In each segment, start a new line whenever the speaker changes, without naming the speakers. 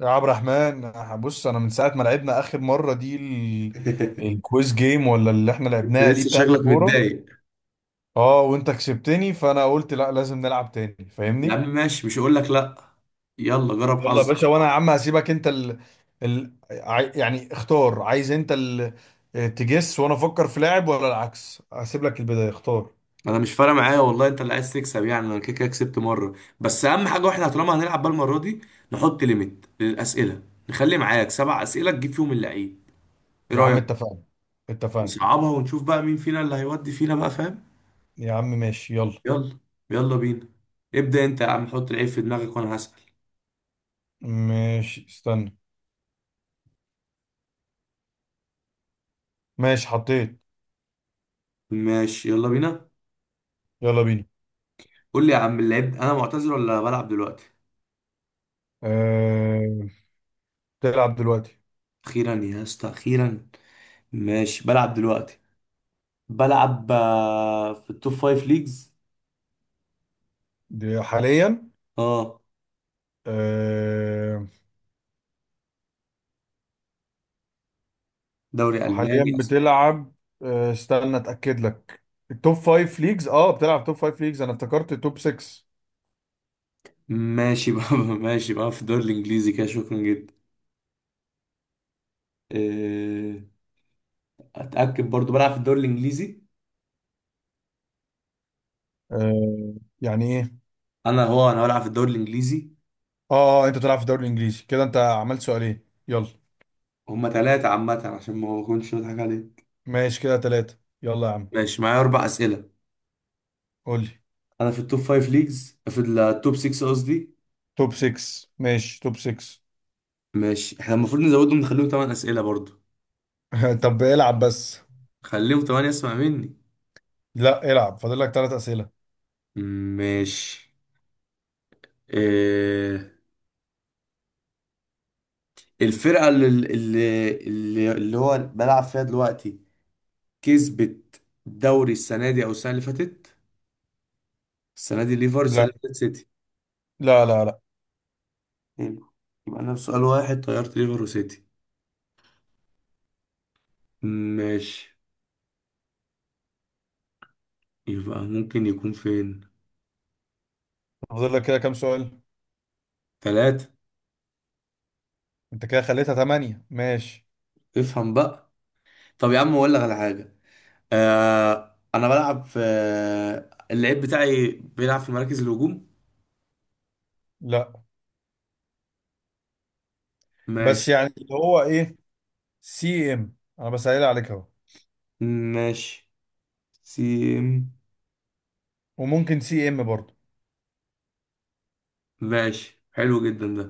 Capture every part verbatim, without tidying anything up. يا عبد الرحمن، بص انا من ساعه ما لعبنا اخر مره دي ال... الكويز جيم ولا اللي احنا
انت
لعبناها دي
لسه
بتاعت
شكلك
الكوره؟
متضايق.
اه وانت كسبتني فانا قلت لا، لازم نلعب تاني،
يا
فاهمني.
عم ماشي، مش هقول لك لا. يلا جرب
يلا يا
حظ.
باشا، وانا يا عم هسيبك انت ال... ال... عاي- يعني اختار، عايز انت ال... تجس وانا افكر في لاعب ولا العكس؟ هسيب لك البدايه، اختار.
انا مش فارق معايا والله، انت اللي عايز تكسب. يعني انا كده كده كسبت مره، بس اهم حاجه واحنا طالما هنلعب بقى المره دي نحط ليميت للاسئله. نخلي معاك سبع اسئله تجيب فيهم اللعيب. ايه
يا عم
رايك؟
اتفقنا. اتفقنا
نصعبها ونشوف بقى مين فينا اللي هيودي فينا بقى، فاهم؟
يا عم، ماشي يلا.
يلا يلا بينا. ابدا انت يا عم، حط العيب في دماغك وانا هسال.
ماشي استنى. ماشي حطيت.
ماشي يلا بينا.
يلا بينا.
قول لي يا عم اللعيب، انا معتذر ولا بلعب دلوقتي؟
أه... تلعب دلوقتي.
اخيرا يا اسطى اخيرا. ماشي بلعب دلوقتي. بلعب آه، في التوب فايف ليجز.
دي حاليا.
اه،
آه.
دوري
حاليا
الماني اصلا.
بتلعب. آه استنى اتاكد لك. التوب فايف ليجز، اه بتلعب توب فايف ليجز، انا افتكرت توب ستة.
ماشي بقى ماشي بقى في الدوري الانجليزي كده، شكرا جدا. آه، اتاكد برضو بلعب في الدوري الانجليزي.
آه. يعني ايه؟
انا هو انا بلعب في الدوري الانجليزي.
اه آه، انت بتلعب في الدوري الانجليزي، كده انت عملت سؤالين يلا.
هما ثلاثة عامة عشان ما اكونش بضحك عليك.
ماشي كده ثلاثة، يلا يا عم.
ماشي معايا اربع اسئلة.
قول لي.
انا في التوب فايف ليجز، في التوب ستة قصدي.
توب ستة ماشي، توب ستة.
ماشي احنا المفروض نزودهم نخليهم ثمان اسئلة برضو.
طب العب بس.
خليهم ثمانية اسمع مني.
لا العب، فاضل لك ثلاث اسئله.
ماشي. إيه الفرقة اللي اللي اللي اللي هو بلعب فيها دلوقتي كسبت الدوري السنة دي أو السنة اللي فاتت؟ السنة دي ليفر، السنة
لا
اللي فاتت سيتي.
لا لا لا.
حلو. يبقى أنا بسؤال واحد طيرت ليفر وسيتي. ماشي. يبقى ممكن يكون فين؟
فاضل لك كده كام سؤال؟
تلاتة.
انت كده خليتها ثمانية، ماشي.
افهم بقى. طب يا عم أقول لك على حاجة. آه أنا بلعب في، اللعيب بتاعي بيلعب في مراكز الهجوم.
لا، بس
ماشي.
يعني اللي هو ايه، سي ام، انا بسأل عليك اهو.
ماشي سيم.
وممكن سي ام برضه.
ماشي حلو جدا ده.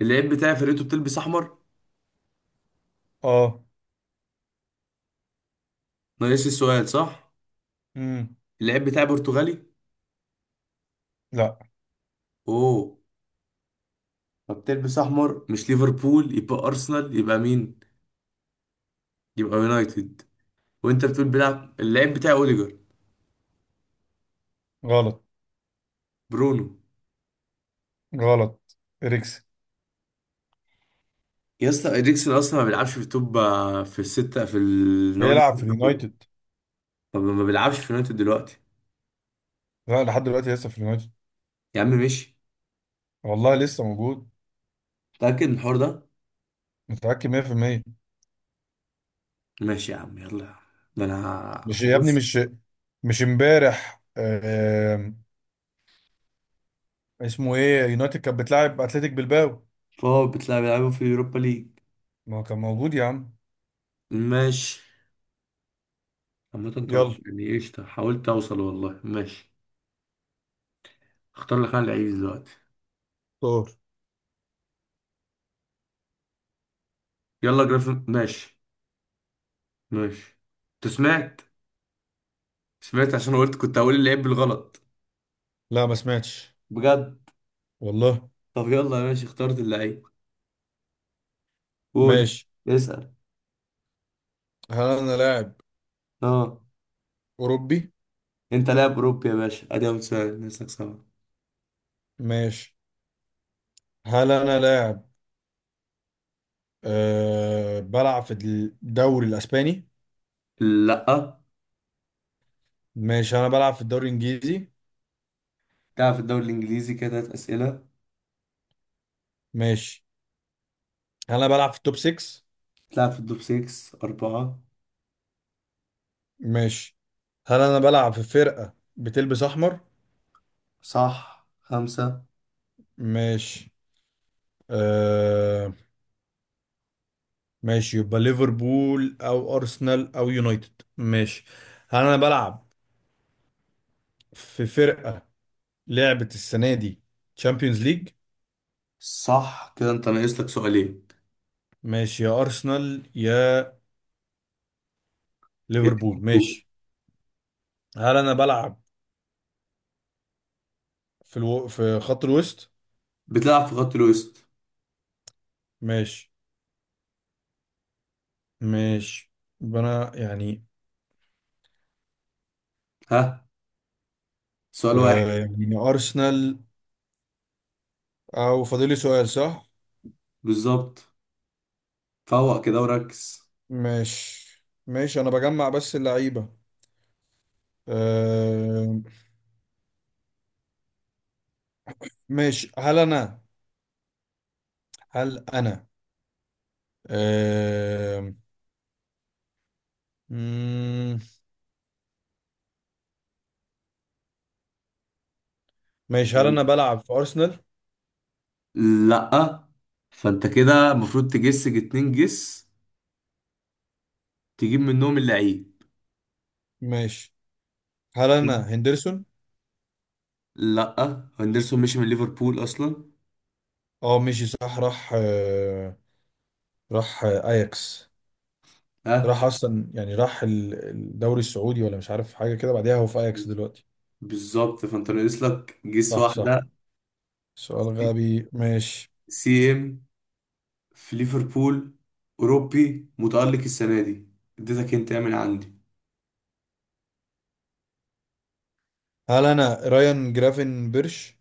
اللعيب بتاعي فرقته بتلبس أحمر.
اه.
ناقص السؤال صح.
امم
اللاعب بتاعي برتغالي.
لا.
اوه. فبتلبس احمر، مش ليفربول يبقى ارسنال، يبقى مين؟ يبقى يونايتد. وانت بتقول بيلعب اللاعب بتاعي اوديجر.
غلط.
برونو.
غلط. اريكسن.
يا اسطى اريكسن اصلا ما بيلعبش في التوب آه، في الستة، في النوادي
بيلعب
الستة
في
الكبرى.
اليونايتد.
طب ما بيلعبش في يونايتد دلوقتي.
لا لحد دلوقتي لسه في اليونايتد.
يا عم ماشي.
والله لسه موجود.
متأكد من الحوار ده.
متأكد مية بالمية.
ماشي يا عم يلا يا عم. ده انا
مش يا ابني،
بص.
مش مش امبارح آه. اسمه ايه؟ يونايتد كانت بتلعب اتلتيك بلباو.
فهو بتلعب بيلعبوا في اليوروبا ليج.
ما هو كان موجود يا عم.
ماشي. عامة توقع
يلا.
يعني قشطة، حاولت اوصل والله. ماشي. اختار لك انا العيب دلوقتي.
طور.
يلا جرافيك ماشي. ماشي. انت سمعت؟ سمعت عشان قلت كنت هقول اللعيب بالغلط.
لا ما سمعتش.
بجد.
والله.
طب يلا ماشي اخترت اللعيب. قول.
ماشي.
اسأل.
هل انا لاعب
اه.
اوروبي؟
انت لاعب اوروبي يا باشا، ادي اول سؤال نسألك صعب.
ماشي. هل انا لاعب، أه بلعب في الدوري الاسباني؟
لا.
ماشي انا بلعب في الدوري الانجليزي.
تلعب في الدوري الانجليزي كده تلات اسئلة.
ماشي. هل انا بلعب في التوب ستة؟
تلعب في التوب ستة اربعة.
ماشي. هل انا بلعب في فرقة بتلبس احمر؟
صح خمسة.
ماشي. أه. ماشي، يبقى ليفربول او ارسنال او يونايتد، ماشي. هل انا بلعب في فرقة لعبت السنة دي تشامبيونز ليج؟
صح كده انت ناقص لك سؤالين.
ماشي، يا ارسنال يا
يا ريت
ليفربول،
تفوق.
ماشي. هل انا بلعب في الو... في خط الوسط؟
بتلعب في خط الوسط.
ماشي. مش انا يعني،
ها؟ سؤال واحد.
آه يعني ارسنال. او فاضل لي سؤال، صح؟
بالظبط. فوق كده وركز.
مش مش انا بجمع بس اللعيبه. آه. مش هل انا هل انا آه، مم، مش هل انا بلعب في ارسنال؟
لأ. فأنت كده المفروض تجس اتنين جس، تجيب منهم اللعيب.
مش هل انا هندرسون؟
لأ هندرسون مشي من ليفربول أصلا.
اه ماشي صح، راح آه، راح آه، اياكس.
ها.
راح اصلا يعني راح ال- الدوري السعودي ولا مش عارف حاجه كده، بعديها هو في اياكس دلوقتي.
بالظبط. فأنت ناقص لك جس
صح صح.
واحدة.
سؤال
سي
غبي ماشي.
سي إم في ليفربول، أوروبي متألق السنة دي. اديتك انت من عندي.
هل انا رايان جرافن بيرش؟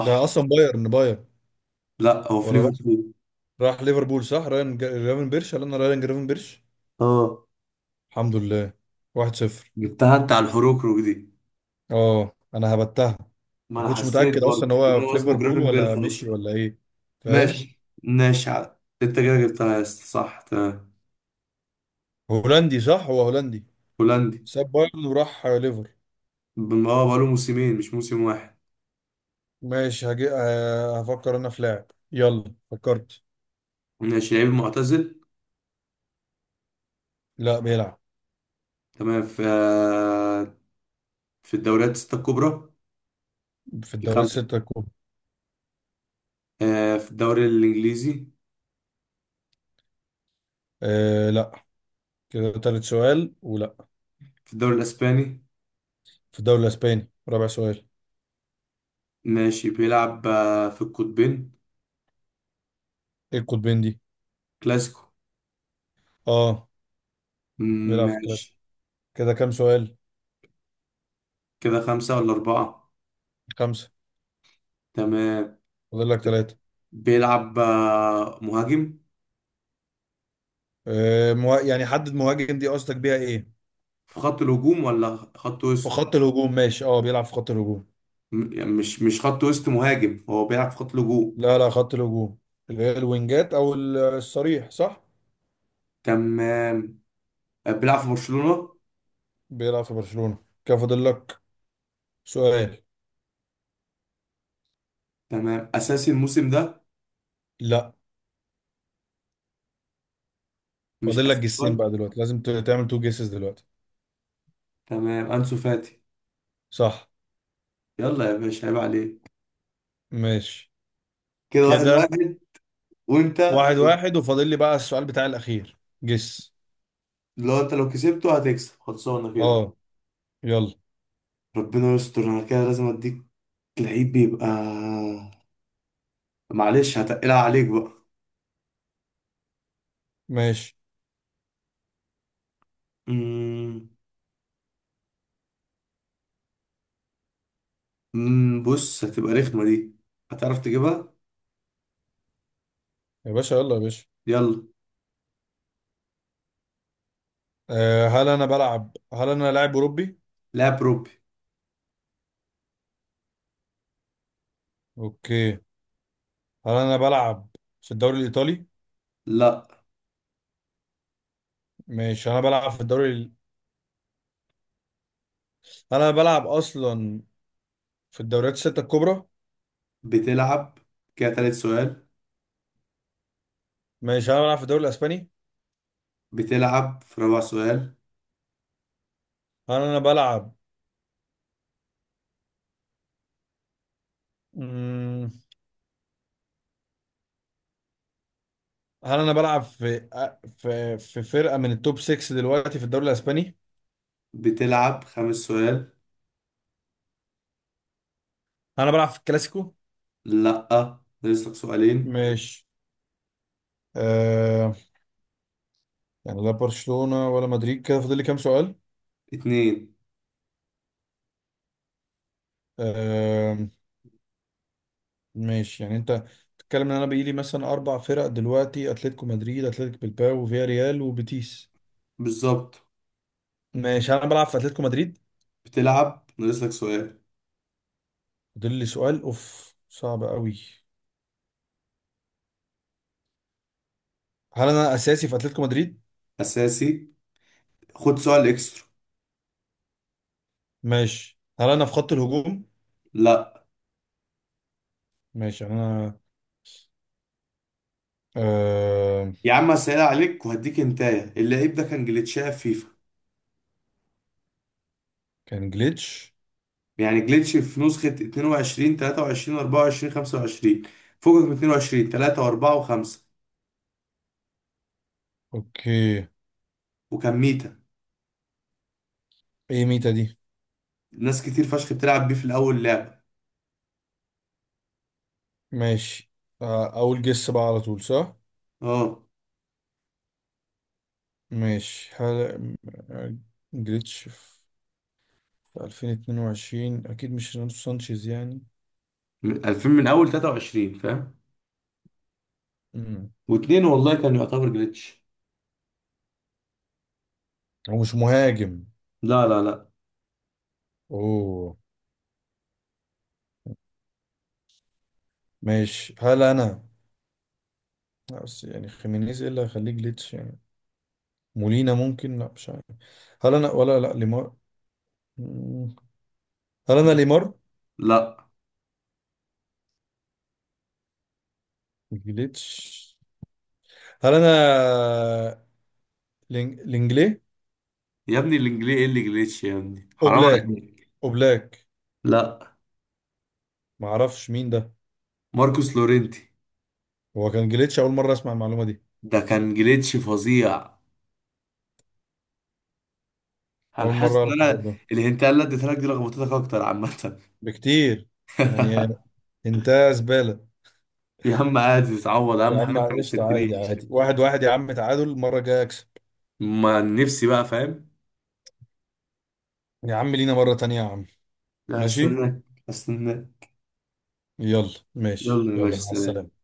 ده اصلا بايرن بايرن.
لأ هو في
ولا راح،
ليفربول.
راح ليفربول، صح. رايان جا- جرافن بيرش. هل انا رايان جرافن بيرش؟
اه.
الحمد لله. واحد صفر.
جبتها انت على الحروكروك دي.
اه انا هبتها.
ما
ما
انا
كنتش
حسيت
متأكد اصلا
برضه
ان هو
ان هو
في
اسمه
ليفربول ولا
جرافنبرخ
مشي
اصلا.
ولا ايه، فاهم.
ماشي ماشي ع- انت كده جبتها يا اسطى صح تمام.
هولندي صح، هو هولندي.
هولندي.
ساب بايرن وراح ليفر.
بم- اه بقاله موسمين مش موسم واحد.
ماشي هجي... ه- هفكر انا في لاعب. يلا فكرت.
ماشي. لعيب معتزل.
لا بيلعب.
تمام. في آه، في الدوريات الستة الكبرى.
في الدوري
الخمسة.
الستة الكبرى.
آه، في الدوري الإنجليزي.
آه لا. كده تالت سؤال ولا؟
في الدوري الأسباني.
في الدوري الاسباني رابع سؤال.
ماشي. بيلعب آه، في القطبين.
ايه القطبين دي؟
كلاسيكو.
اه.
مم،
بيلعب في الكلاسيكو.
ماشي.
كده كام سؤال؟
كده خمسة ولا أربعة؟
خمسه.
تمام.
فاضل لك ثلاثه.
بيلعب آه، مهاجم.
آه مه... يعني حدد مهاجم دي قصدك بيها ايه؟
في خط الهجوم ولا خط
في
وسط؟
خط الهجوم ماشي، اه بيلعب في خط الهجوم.
م- يعني مش مش خط وسط، مهاجم هو بيلعب في خط الهجوم.
لا لا، خط الهجوم، اللي هي الوينجات او ال- الصريح، صح.
تمام. بيلعب في برشلونة.
بيلعب في برشلونة. كده فاضل لك سؤال.
تمام. اساسي الموسم ده.
لا،
مش
فاضل لك
اساسي
جسين
خالص.
بقى دلوقتي، لازم ت- تعمل تو جيسز دلوقتي.
تمام. انسو فاتي.
صح.
يلا يا باشا عيب عليك.
ماشي،
كده واحد
كده
واحد. وانت
واحد واحد، وفاضل لي بقى السؤال بتاع الاخير، جس.
لو انت لو كسبته هتكسب خلصانه كده.
اه. يلا.
ربنا يستر. انا كده لازم اديك لعيب بيبقى، معلش هتقلها عليك بقى.
ماشي
امم أمم، بص هتبقى رخمه دي، هتعرف تجيبها.
يا باشا، يلا يا باشا.
يلا.
أه هل انا بلعب، هل انا لاعب اوروبي؟
لاعب روبي.
اوكي. هل انا بلعب في الدوري الايطالي؟
لا.
ماشي انا بلعب في الدوري ال- هل انا بلعب اصلا في الدوريات الستة الكبرى؟
بتلعب كده تالت سؤال.
ماشي. هل انا بلعب في الدوري الاسباني؟
بتلعب في رابع سؤال.
هل انا بلعب مم... هل انا بلعب في آه، في في فرقة من التوب ستة دلوقتي في الدوري الاسباني؟
بتلعب خمس سؤال.
هل انا بلعب في الكلاسيكو؟
لأ ناقصلك سؤالين.
ماشي. أه... يعني لا برشلونة ولا مدريد، كده فاضل لي كام سؤال؟
اتنين.
آه، ماشي يعني انت بتتكلم ان انا بيجيلي مثلا اربع فرق دلوقتي، اتلتيكو مدريد، اتلتيك بلباو، وفيا ريال، وبيتيس.
بالظبط.
ماشي. هل انا بلعب في اتلتيكو مدريد؟
بتلعب ناقصلك سؤال.
فاضل لي سؤال اوف، صعب قوي. هل انا اساسي في اتلتيكو مدريد؟
أساسي، خد سؤال إكسترا.
ماشي. هل انا في خط الهجوم؟
لأ.
ماشي يعني انا، آه...
يا عم هسهل عليك وهديك انتايه، اللعيب ده كان جليتشاه في فيفا.
كان جليتش.
يعني جليتش في نسخة اتنين وعشرين تلاتة وعشرين اربعة وعشرين خمسة وعشرين. فوقك من اتنين وعشرين تلاتة و4 و5.
اوكي.
وكان ميتا.
ايه ميتا دي؟
ناس كتير فشخ بتلعب بيه في الأول لعبة.
ماشي آه... اول جس بقى على طول، صح.
اه
ماشي. هل آه، جليتش في الفين واتنين وعشرين، اكيد مش رونالدو سانشيز يعني.
من عشرين من أول تلاتة وعشرين فاهم؟ واتنين والله كان يعتبر جليتش.
ومش مهاجم.
لا لا لا.
اوه. ماشي. هل انا، بس يعني خيمينيز ايه اللي هيخليه جليتش يعني؟ مولينا ممكن، لا مش عارف. هل انا، ولا لا ليمار. مم. هل انا ليمار؟
لا
جليتش. هل انا لينج- لينجلي؟
يا ابني، الانجليزي ايه اللي جليتش؟ يا ابني حرام
اوبلاك.
عليك.
اوبلاك.
لا.
ما اعرفش مين ده.
ماركوس لورينتي.
هو كان جليتش؟ اول مره اسمع المعلومه دي.
ده كان جليتش فظيع. انا
اول مره
حاسس ان
اعرف الحوار
انا
ده
الهنتايه اللي اديتها لك دي لخبطتك اكتر عامه
بكتير، يعني انت زباله.
يا عم عادي تتعوض،
يا
اهم حاجه
عم
انت ما
قشطه، عادي
تسيبتنيش.
عادي، واحد واحد يا عم، تعادل، المره الجايه اكسب.
ما نفسي بقى فاهم.
يا عم لينا مره تانية يا عم.
لا
ماشي.
هستناك. هستناك.
يلا، ماشي،
يلا يا
يلا
باشا
مع
سلام.
السلامة.